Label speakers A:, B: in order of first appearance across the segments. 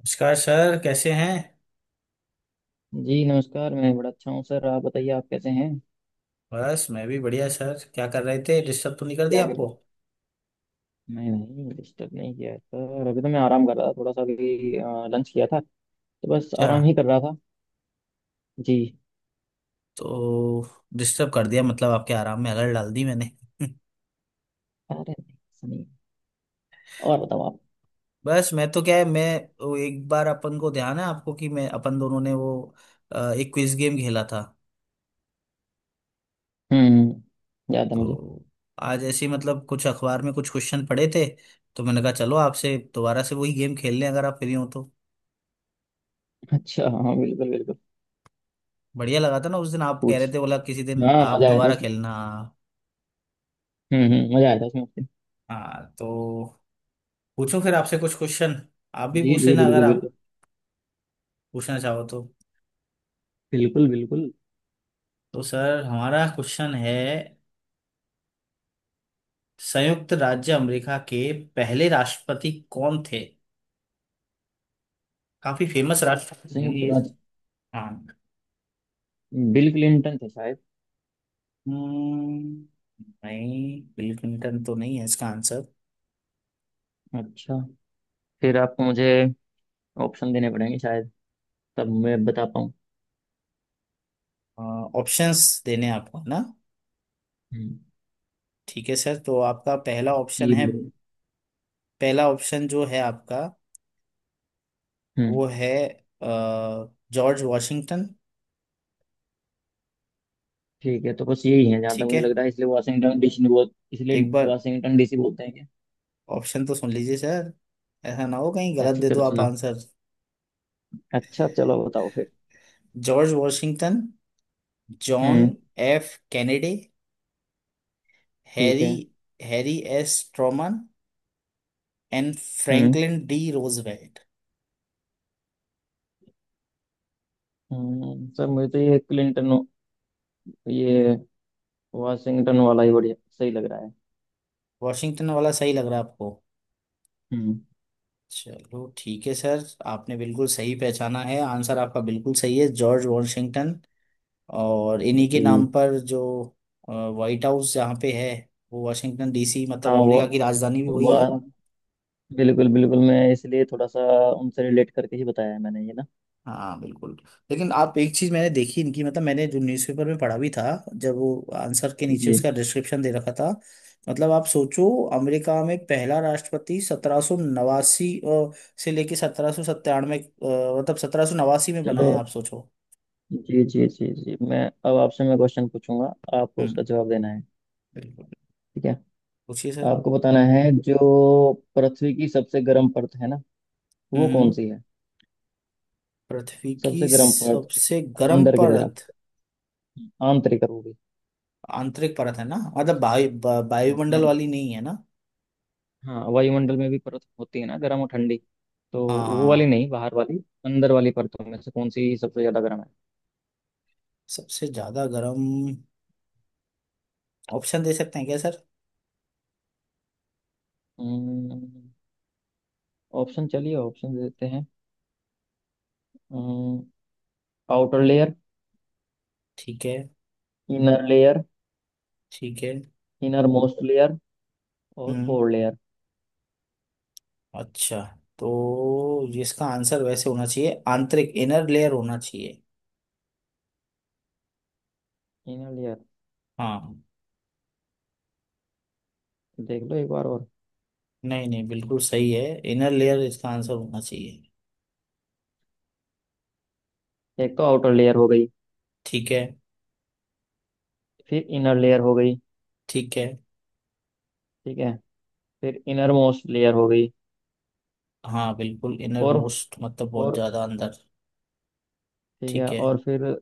A: नमस्कार सर कैसे हैं।
B: जी नमस्कार। मैं बड़ा अच्छा हूँ सर। आप बताइए, आप कैसे हैं?
A: बस मैं भी बढ़िया सर क्या कर रहे थे डिस्टर्ब तो नहीं कर
B: क्या
A: दिया
B: करें।
A: आपको।
B: मैं नहीं डिस्टर्ब नहीं किया है सर। अभी तो मैं आराम कर रहा था थोड़ा सा। अभी लंच किया था तो बस
A: अच्छा।
B: आराम ही कर रहा था। जी।
A: तो डिस्टर्ब कर दिया मतलब आपके आराम में अलर्ट डाल दी मैंने।
B: अरे नहीं, सुनिए। और बताओ आप।
A: बस मैं तो क्या है मैं वो एक बार अपन को ध्यान है आपको कि मैं अपन दोनों ने वो एक क्विज गेम खेला था।
B: हम्म, याद है मुझे।
A: तो आज ऐसे ही मतलब कुछ अखबार में कुछ क्वेश्चन पड़े थे। तो मैंने कहा चलो आपसे दोबारा से वही गेम खेल लें अगर आप फ्री हो तो।
B: अच्छा, हाँ, बिल्कुल बिल्कुल।
A: बढ़िया लगा था ना उस दिन आप कह रहे
B: पूछ।
A: थे बोला किसी दिन
B: हाँ,
A: आप
B: मजा आया था
A: दोबारा
B: उसमें।
A: खेलना।
B: हम्म, मजा आया था उसमें आपके।
A: हाँ तो पूछो फिर आपसे कुछ क्वेश्चन। आप भी
B: जी
A: पूछ
B: जी,
A: लेना अगर
B: बिल्कुल बिल्कुल।
A: आप पूछना चाहो तो।
B: बिल्कुल बिल्कुल।
A: तो सर हमारा क्वेश्चन है संयुक्त राज्य अमेरिका के पहले राष्ट्रपति कौन थे। काफी फेमस राष्ट्रपति हैं
B: संयुक्त
A: ये।
B: राज्य।
A: हाँ।
B: बिल क्लिंटन थे शायद।
A: हम्म, नहीं बिल क्लिंटन तो नहीं है इसका आंसर।
B: अच्छा। फिर आपको मुझे ऑप्शन देने पड़ेंगे शायद, तब मैं बता पाऊँ।
A: ऑप्शंस देने आपको है ना।
B: हम्म।
A: ठीक है सर तो आपका पहला ऑप्शन
B: जी
A: है।
B: बिल्कुल।
A: पहला ऑप्शन जो है आपका
B: हम्म।
A: वो है अ, जॉर्ज वॉशिंगटन।
B: ठीक है, तो बस यही है जहाँ तक
A: ठीक
B: मुझे
A: है
B: लग रहा है। इसलिए वाशिंगटन डीसी बोल, इसलिए
A: एक बार
B: वाशिंगटन डीसी बोलते हैं क्या?
A: ऑप्शन तो सुन लीजिए सर। ऐसा ना हो कहीं गलत
B: अच्छा,
A: दे दो
B: चलो
A: आप
B: सुना।
A: आंसर।
B: अच्छा, चलो बताओ फिर।
A: George Washington, John
B: hmm.
A: F Kennedy,
B: ठीक
A: हैरी
B: है।
A: Harry S Truman and
B: hmm
A: Franklin D Roosevelt.
B: Sir मुझे तो ये क्लिंटन, ये वाशिंगटन वाला ही बढ़िया सही लग रहा है।
A: वॉशिंगटन वाला सही लग रहा है आपको।
B: हम्म।
A: चलो ठीक है सर। आपने बिल्कुल सही पहचाना है आंसर आपका बिल्कुल सही है जॉर्ज वॉशिंगटन। और इन्हीं के नाम
B: जी।
A: पर जो व्हाइट हाउस जहाँ पे है वो वॉशिंगटन डीसी मतलब
B: हाँ
A: अमेरिका की राजधानी भी वही है।
B: वो बिल्कुल बिल्कुल। मैं इसलिए थोड़ा सा उनसे रिलेट करके ही बताया है मैंने, ये ना।
A: हाँ बिल्कुल। लेकिन आप एक चीज मैंने देखी इनकी, मतलब मैंने जो न्यूज़पेपर में पढ़ा भी था, जब वो आंसर के नीचे
B: जी।
A: उसका डिस्क्रिप्शन दे रखा था। मतलब आप सोचो, अमेरिका में पहला राष्ट्रपति 1789 से लेके 1797, मतलब 1789 में बना
B: चलो।
A: है, आप सोचो।
B: जी जी जी जी, मैं अब आपसे मैं क्वेश्चन पूछूंगा, आपको
A: हम्म,
B: उसका जवाब देना है।
A: बिल्कुल।
B: ठीक है।
A: पूछिए सर।
B: आपको बताना है जो पृथ्वी की सबसे गर्म परत है ना, वो
A: हम्म
B: कौन
A: हम्म।
B: सी है।
A: पृथ्वी की
B: सबसे गर्म परत
A: सबसे गर्म
B: अंदर की तरफ।
A: परत
B: आंतरिक वो भी।
A: आंतरिक परत है ना, मतलब वायु वायुमंडल
B: हाँ।
A: वाली नहीं है ना।
B: हाँ, वायुमंडल में भी परत होती है ना, गर्म और ठंडी। तो वो वाली
A: हाँ,
B: नहीं, बाहर वाली। अंदर वाली परतों में से कौन सी सबसे ज्यादा गर्म है?
A: सबसे ज्यादा गर्म। ऑप्शन दे सकते हैं क्या।
B: हम्म, ऑप्शन, चलिए ऑप्शन देते हैं। हम्म, आउटर लेयर।
A: ठीक है।
B: Inner layer.
A: ठीक है।
B: इनर मोस्ट लेयर और
A: हम्म।
B: Core layer.
A: अच्छा, तो इसका आंसर वैसे होना चाहिए आंतरिक, इनर लेयर होना चाहिए।
B: Inner layer?
A: हाँ।
B: देख लो एक बार और।
A: नहीं नहीं, बिल्कुल सही है। इनर लेयर इसका आंसर होना चाहिए।
B: एक तो आउटर लेयर हो गई।
A: ठीक है।
B: फिर इनर लेयर हो गई।
A: ठीक है।
B: ठीक है। फिर इनर मोस्ट लेयर हो गई।
A: हाँ बिल्कुल, इनर
B: और
A: मोस्ट मतलब बहुत
B: और,
A: ज्यादा अंदर।
B: ठीक है,
A: ठीक है।
B: और फिर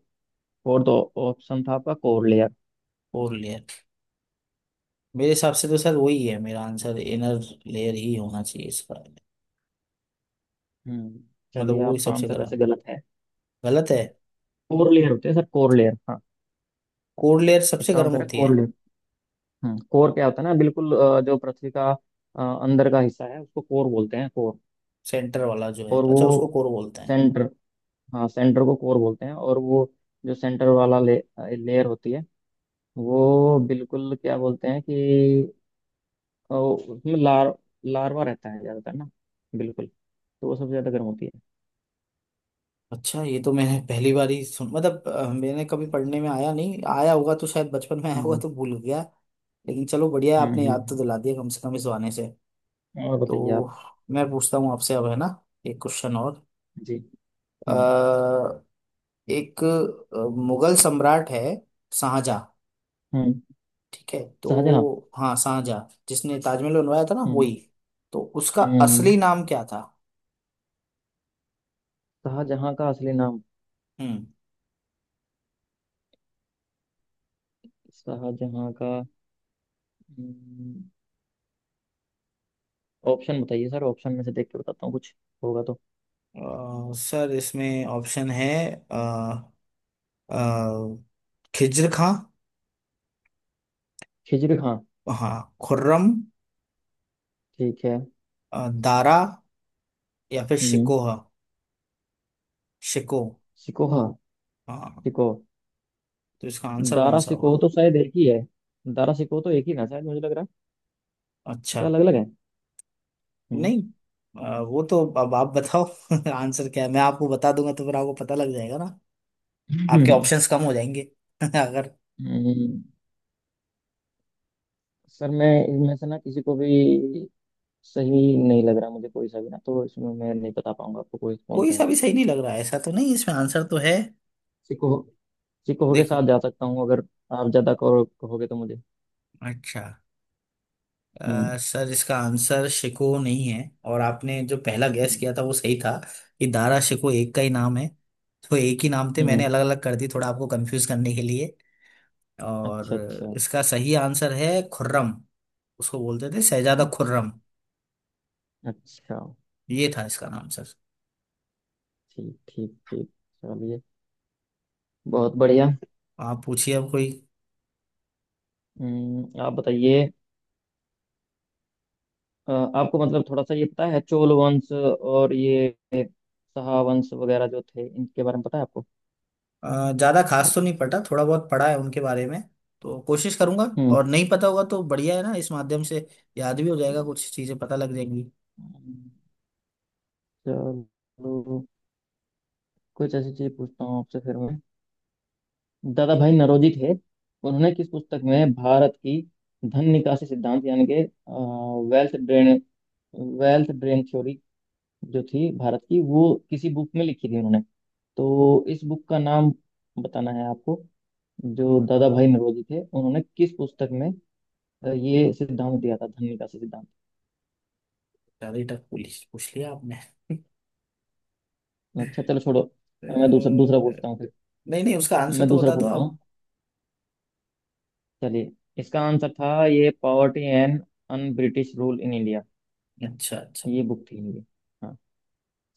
B: फोर्थ ऑप्शन था आपका कोर लेयर।
A: Core layer. मेरे हिसाब से तो सर वही है, मेरा आंसर इनर लेयर ही होना चाहिए इसका।
B: हम्म।
A: मतलब
B: चलिए,
A: वो ही
B: आपका
A: सबसे
B: आंसर वैसे
A: गर्म।
B: गलत है।
A: गलत है।
B: कोर लेयर होते हैं सर, कोर लेयर, हाँ।
A: कोर लेयर सबसे
B: इसका
A: गर्म
B: आंसर है
A: होती है।
B: Core layer. हम्म, कोर क्या होता है ना, बिल्कुल जो पृथ्वी का अंदर का हिस्सा है उसको कोर बोलते हैं, कोर।
A: सेंटर वाला जो है,
B: और
A: अच्छा, उसको
B: वो
A: कोर बोलते हैं।
B: सेंटर। हाँ, सेंटर को कोर बोलते हैं। और वो जो सेंटर वाला लेयर होती है, वो बिल्कुल क्या बोलते हैं कि, और उसमें लार्वा रहता है ज्यादातर ना। बिल्कुल, तो वो सबसे ज्यादा गर्म होती है।
A: अच्छा, ये तो मैंने पहली बार ही सुन, मतलब मैंने कभी पढ़ने में आया नहीं, आया होगा तो शायद बचपन में आया होगा
B: हम्म
A: तो भूल गया। लेकिन चलो बढ़िया है,
B: हम्म।
A: आपने याद तो
B: हम्म,
A: दिला दिया कम से कम इस बहाने से।
B: हम्म। और बताइए आप।
A: तो मैं पूछता हूँ आपसे अब, है ना, एक क्वेश्चन और।
B: जी। हम्म।
A: अ, एक मुगल सम्राट है शाहजहां।
B: हम्म।
A: ठीक है
B: शाहजहां।
A: तो, हाँ, शाहजहां, जिसने ताजमहल बनवाया था ना,
B: हम्म।
A: वही। तो उसका
B: हम्म।
A: असली नाम क्या था।
B: शाहजहां का असली नाम?
A: हम्म।
B: शाहजहां का। हम्म, ऑप्शन बताइए सर, ऑप्शन में से देख के बताता हूँ, कुछ होगा तो।
A: सर इसमें ऑप्शन है आ, खिज्र खां।
B: खिजर खां?
A: हाँ, खुर्रम।
B: ठीक है।
A: दारा, या फिर
B: हम्म।
A: शिकोह, शिको।
B: सिकोहा।
A: हाँ।
B: सिको।
A: तो इसका आंसर कौन
B: दारा
A: सा होगा।
B: सिकोह तो शायद एक ही है। दारा सिकोह तो एक ही ना शायद, मुझे लग रहा है, या
A: अच्छा।
B: अलग अलग है? हम्म।
A: नहीं, वो तो अब आप बताओ। आंसर क्या है मैं आपको बता दूंगा तो फिर आपको पता लग जाएगा ना। आपके ऑप्शंस कम हो जाएंगे अगर।
B: हम्म, सर मैं इनमें से ना किसी को भी सही नहीं लग रहा मुझे, कोई सा भी ना। तो इसमें मैं नहीं बता पाऊंगा आपको कोई कौन
A: कोई
B: सा है।
A: सा भी सही नहीं लग रहा है, ऐसा तो नहीं, इसमें आंसर तो है।
B: सिको। सिको के
A: देखो।
B: साथ जा सकता हूँ अगर आप ज्यादा कहोगे तो मुझे।
A: अच्छा।
B: हम्म।
A: सर इसका आंसर शिको नहीं है, और आपने जो पहला गैस
B: हम्म।
A: किया था वो सही था, कि दारा शिको एक का ही नाम है। तो एक ही नाम थे, मैंने
B: हम्म,
A: अलग अलग कर दी थोड़ा आपको कंफ्यूज करने के लिए।
B: अच्छा
A: और
B: अच्छा।
A: इसका सही आंसर है खुर्रम। उसको बोलते थे शहजादा
B: अच्छा
A: खुर्रम।
B: अच्छा।
A: ये था इसका नाम सर।
B: ठीक ठीक ठीक। चलिए, बहुत बढ़िया।
A: आप पूछिए अब कोई।
B: हम्म, आप बताइए। आपको मतलब थोड़ा सा ये पता है, चोल वंश और ये शाह वंश वगैरह जो थे, इनके बारे में पता है आपको?
A: ज्यादा खास तो नहीं पटा, थोड़ा बहुत पढ़ा है उनके बारे में, तो कोशिश करूंगा।
B: हम्म।
A: और नहीं पता होगा तो बढ़िया है ना, इस माध्यम से याद भी हो जाएगा, कुछ चीजें पता लग जाएंगी।
B: चलो, कुछ ऐसी चीज पूछता हूँ आपसे फिर मैं। दादा भाई नौरोजी थे, उन्होंने किस पुस्तक में भारत की धन निकासी सिद्धांत यानी कि wealth drain, wealth drain theory जो थी भारत की, वो किसी बुक में लिखी थी उन्होंने। तो इस बुक का नाम बताना है आपको। जो दादा भाई नौरोजी थे उन्होंने किस पुस्तक में ये सिद्धांत दिया था, धन निकासी सिद्धांत?
A: सारी टफ पूछ पूछ लिया आपने।
B: अच्छा, चलो छोड़ो। मैं दूसरा दूसरा पूछता हूँ
A: नहीं।
B: फिर।
A: नहीं, उसका आंसर
B: मैं
A: तो
B: दूसरा
A: बता दो
B: पूछता
A: आप।
B: हूँ। चलिए, इसका आंसर था ये poverty and un British rule in India.
A: अच्छा, अच्छा।
B: ये बुक थी इनकी। हाँ,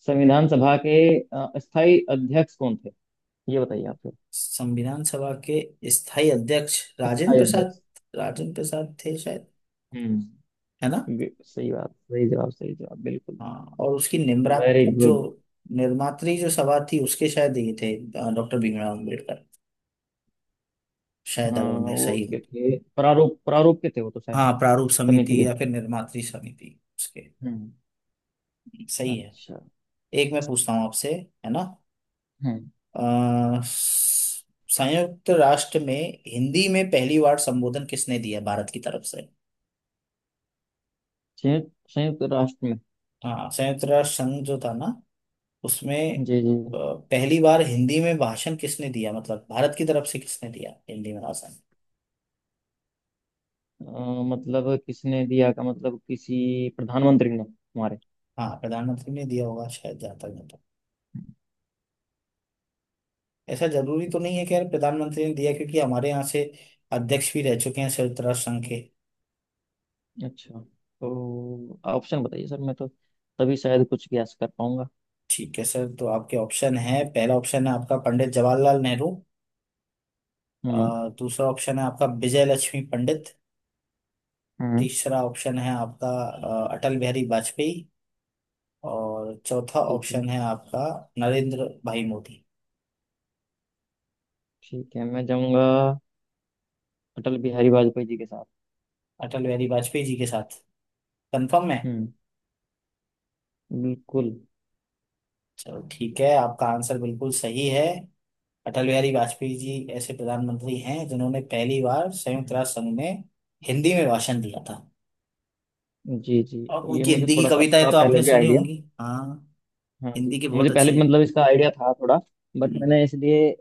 B: संविधान सभा के स्थायी अध्यक्ष कौन थे, ये बताइए आप फिर।
A: संविधान सभा के स्थायी अध्यक्ष राजेंद्र
B: स्थायी
A: प्रसाद।
B: अध्यक्ष।
A: राजेंद्र प्रसाद थे शायद,
B: हम्म।
A: है ना।
B: सही बात, सही जवाब, सही जवाब, बिल्कुल।
A: हाँ, और उसकी
B: वेरी गुड।
A: निर्मात्री जो सभा थी उसके शायद ये थे डॉक्टर भीमराव अम्बेडकर, शायद, अगर
B: हाँ,
A: मैं
B: वो
A: सही
B: उसके
A: हूँ।
B: थे प्रारूप प्रारूप के थे वो तो शायद।
A: हाँ, प्रारूप
B: समिति
A: समिति
B: के।
A: या फिर निर्मात्री समिति उसके।
B: हम्म।
A: सही है।
B: अच्छा।
A: एक मैं पूछता हूँ आपसे, है ना,
B: हम्म।
A: अ, संयुक्त राष्ट्र में हिंदी में पहली बार संबोधन किसने दिया भारत की तरफ से।
B: संयुक्त, संयुक्त राष्ट्र में।
A: हाँ, संयुक्त राष्ट्र संघ जो था ना, उसमें
B: जी जी।
A: अ, पहली बार हिंदी में भाषण किसने दिया, मतलब भारत की तरफ से किसने दिया हिंदी में भाषण।
B: अ, मतलब किसने दिया का मतलब किसी प्रधानमंत्री ने हमारे?
A: हाँ, प्रधानमंत्री ने दिया होगा शायद जहाँ तक, मैं तो, ऐसा जरूरी तो नहीं है कि यार प्रधानमंत्री ने दिया, क्योंकि हमारे यहाँ से अध्यक्ष भी रह चुके हैं संयुक्त राष्ट्र संघ के।
B: अच्छा, तो ऑप्शन बताइए सर, मैं तो तभी शायद कुछ गैस कर पाऊंगा।
A: ठीक है सर, तो आपके ऑप्शन है, पहला ऑप्शन है आपका पंडित जवाहरलाल नेहरू।
B: हम्म।
A: दूसरा ऑप्शन है आपका विजय लक्ष्मी पंडित।
B: हम्म।
A: तीसरा ऑप्शन है आपका अटल बिहारी वाजपेयी। और चौथा
B: ठीक है।
A: ऑप्शन है आपका नरेंद्र भाई मोदी।
B: ठीक है, मैं जाऊंगा अटल बिहारी वाजपेयी जी के साथ।
A: अटल बिहारी वाजपेयी जी के साथ। कंफर्म है।
B: हम्म। बिल्कुल।
A: चलो ठीक है, आपका आंसर बिल्कुल सही है। अटल बिहारी वाजपेयी जी ऐसे प्रधानमंत्री हैं जिन्होंने पहली बार संयुक्त
B: हम्म,
A: राष्ट्र संघ में हिंदी में भाषण दिया था।
B: जी जी।
A: और
B: ये
A: उनकी
B: मुझे
A: हिंदी की
B: थोड़ा सा
A: कविताएं
B: था
A: तो
B: पहले
A: आपने
B: भी
A: सुनी
B: आइडिया।
A: होंगी, हाँ।
B: हाँ जी,
A: हिंदी के
B: मुझे
A: बहुत
B: पहले
A: अच्छे।
B: भी मतलब इसका आइडिया था थोड़ा। बट
A: हम्म,
B: मैंने इसलिए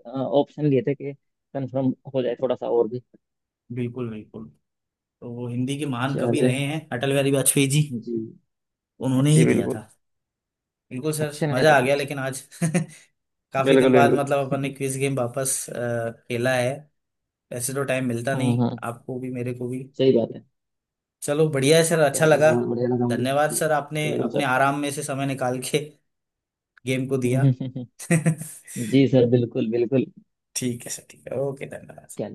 B: ऑप्शन लिए थे कि कंफर्म हो जाए थोड़ा सा और भी।
A: बिल्कुल बिल्कुल। तो वो हिंदी के महान कवि
B: चलिए।
A: रहे हैं अटल बिहारी वाजपेयी जी,
B: जी।
A: उन्होंने ही
B: जी
A: दिया
B: बिल्कुल।
A: था। बिल्कुल सर,
B: अच्छे
A: मजा
B: नेता
A: आ
B: थे
A: गया
B: वैसे।
A: लेकिन आज। काफी दिन
B: बिल्कुल
A: बाद
B: बिल्कुल।
A: मतलब अपन ने क्विज गेम वापस खेला है। ऐसे तो टाइम मिलता
B: हाँ
A: नहीं
B: हाँ,
A: आपको भी, मेरे को भी।
B: सही बात है।
A: चलो बढ़िया है सर, अच्छा
B: चलिए,
A: लगा।
B: बहुत बढ़िया लगा मुझे
A: धन्यवाद
B: जी।
A: सर, आपने
B: बिल्कुल
A: अपने
B: सर।
A: आराम में से समय निकाल के गेम को दिया।
B: जी सर, बिल्कुल बिल्कुल।
A: ठीक है सर, ठीक है, ओके, धन्यवाद।
B: चलिए।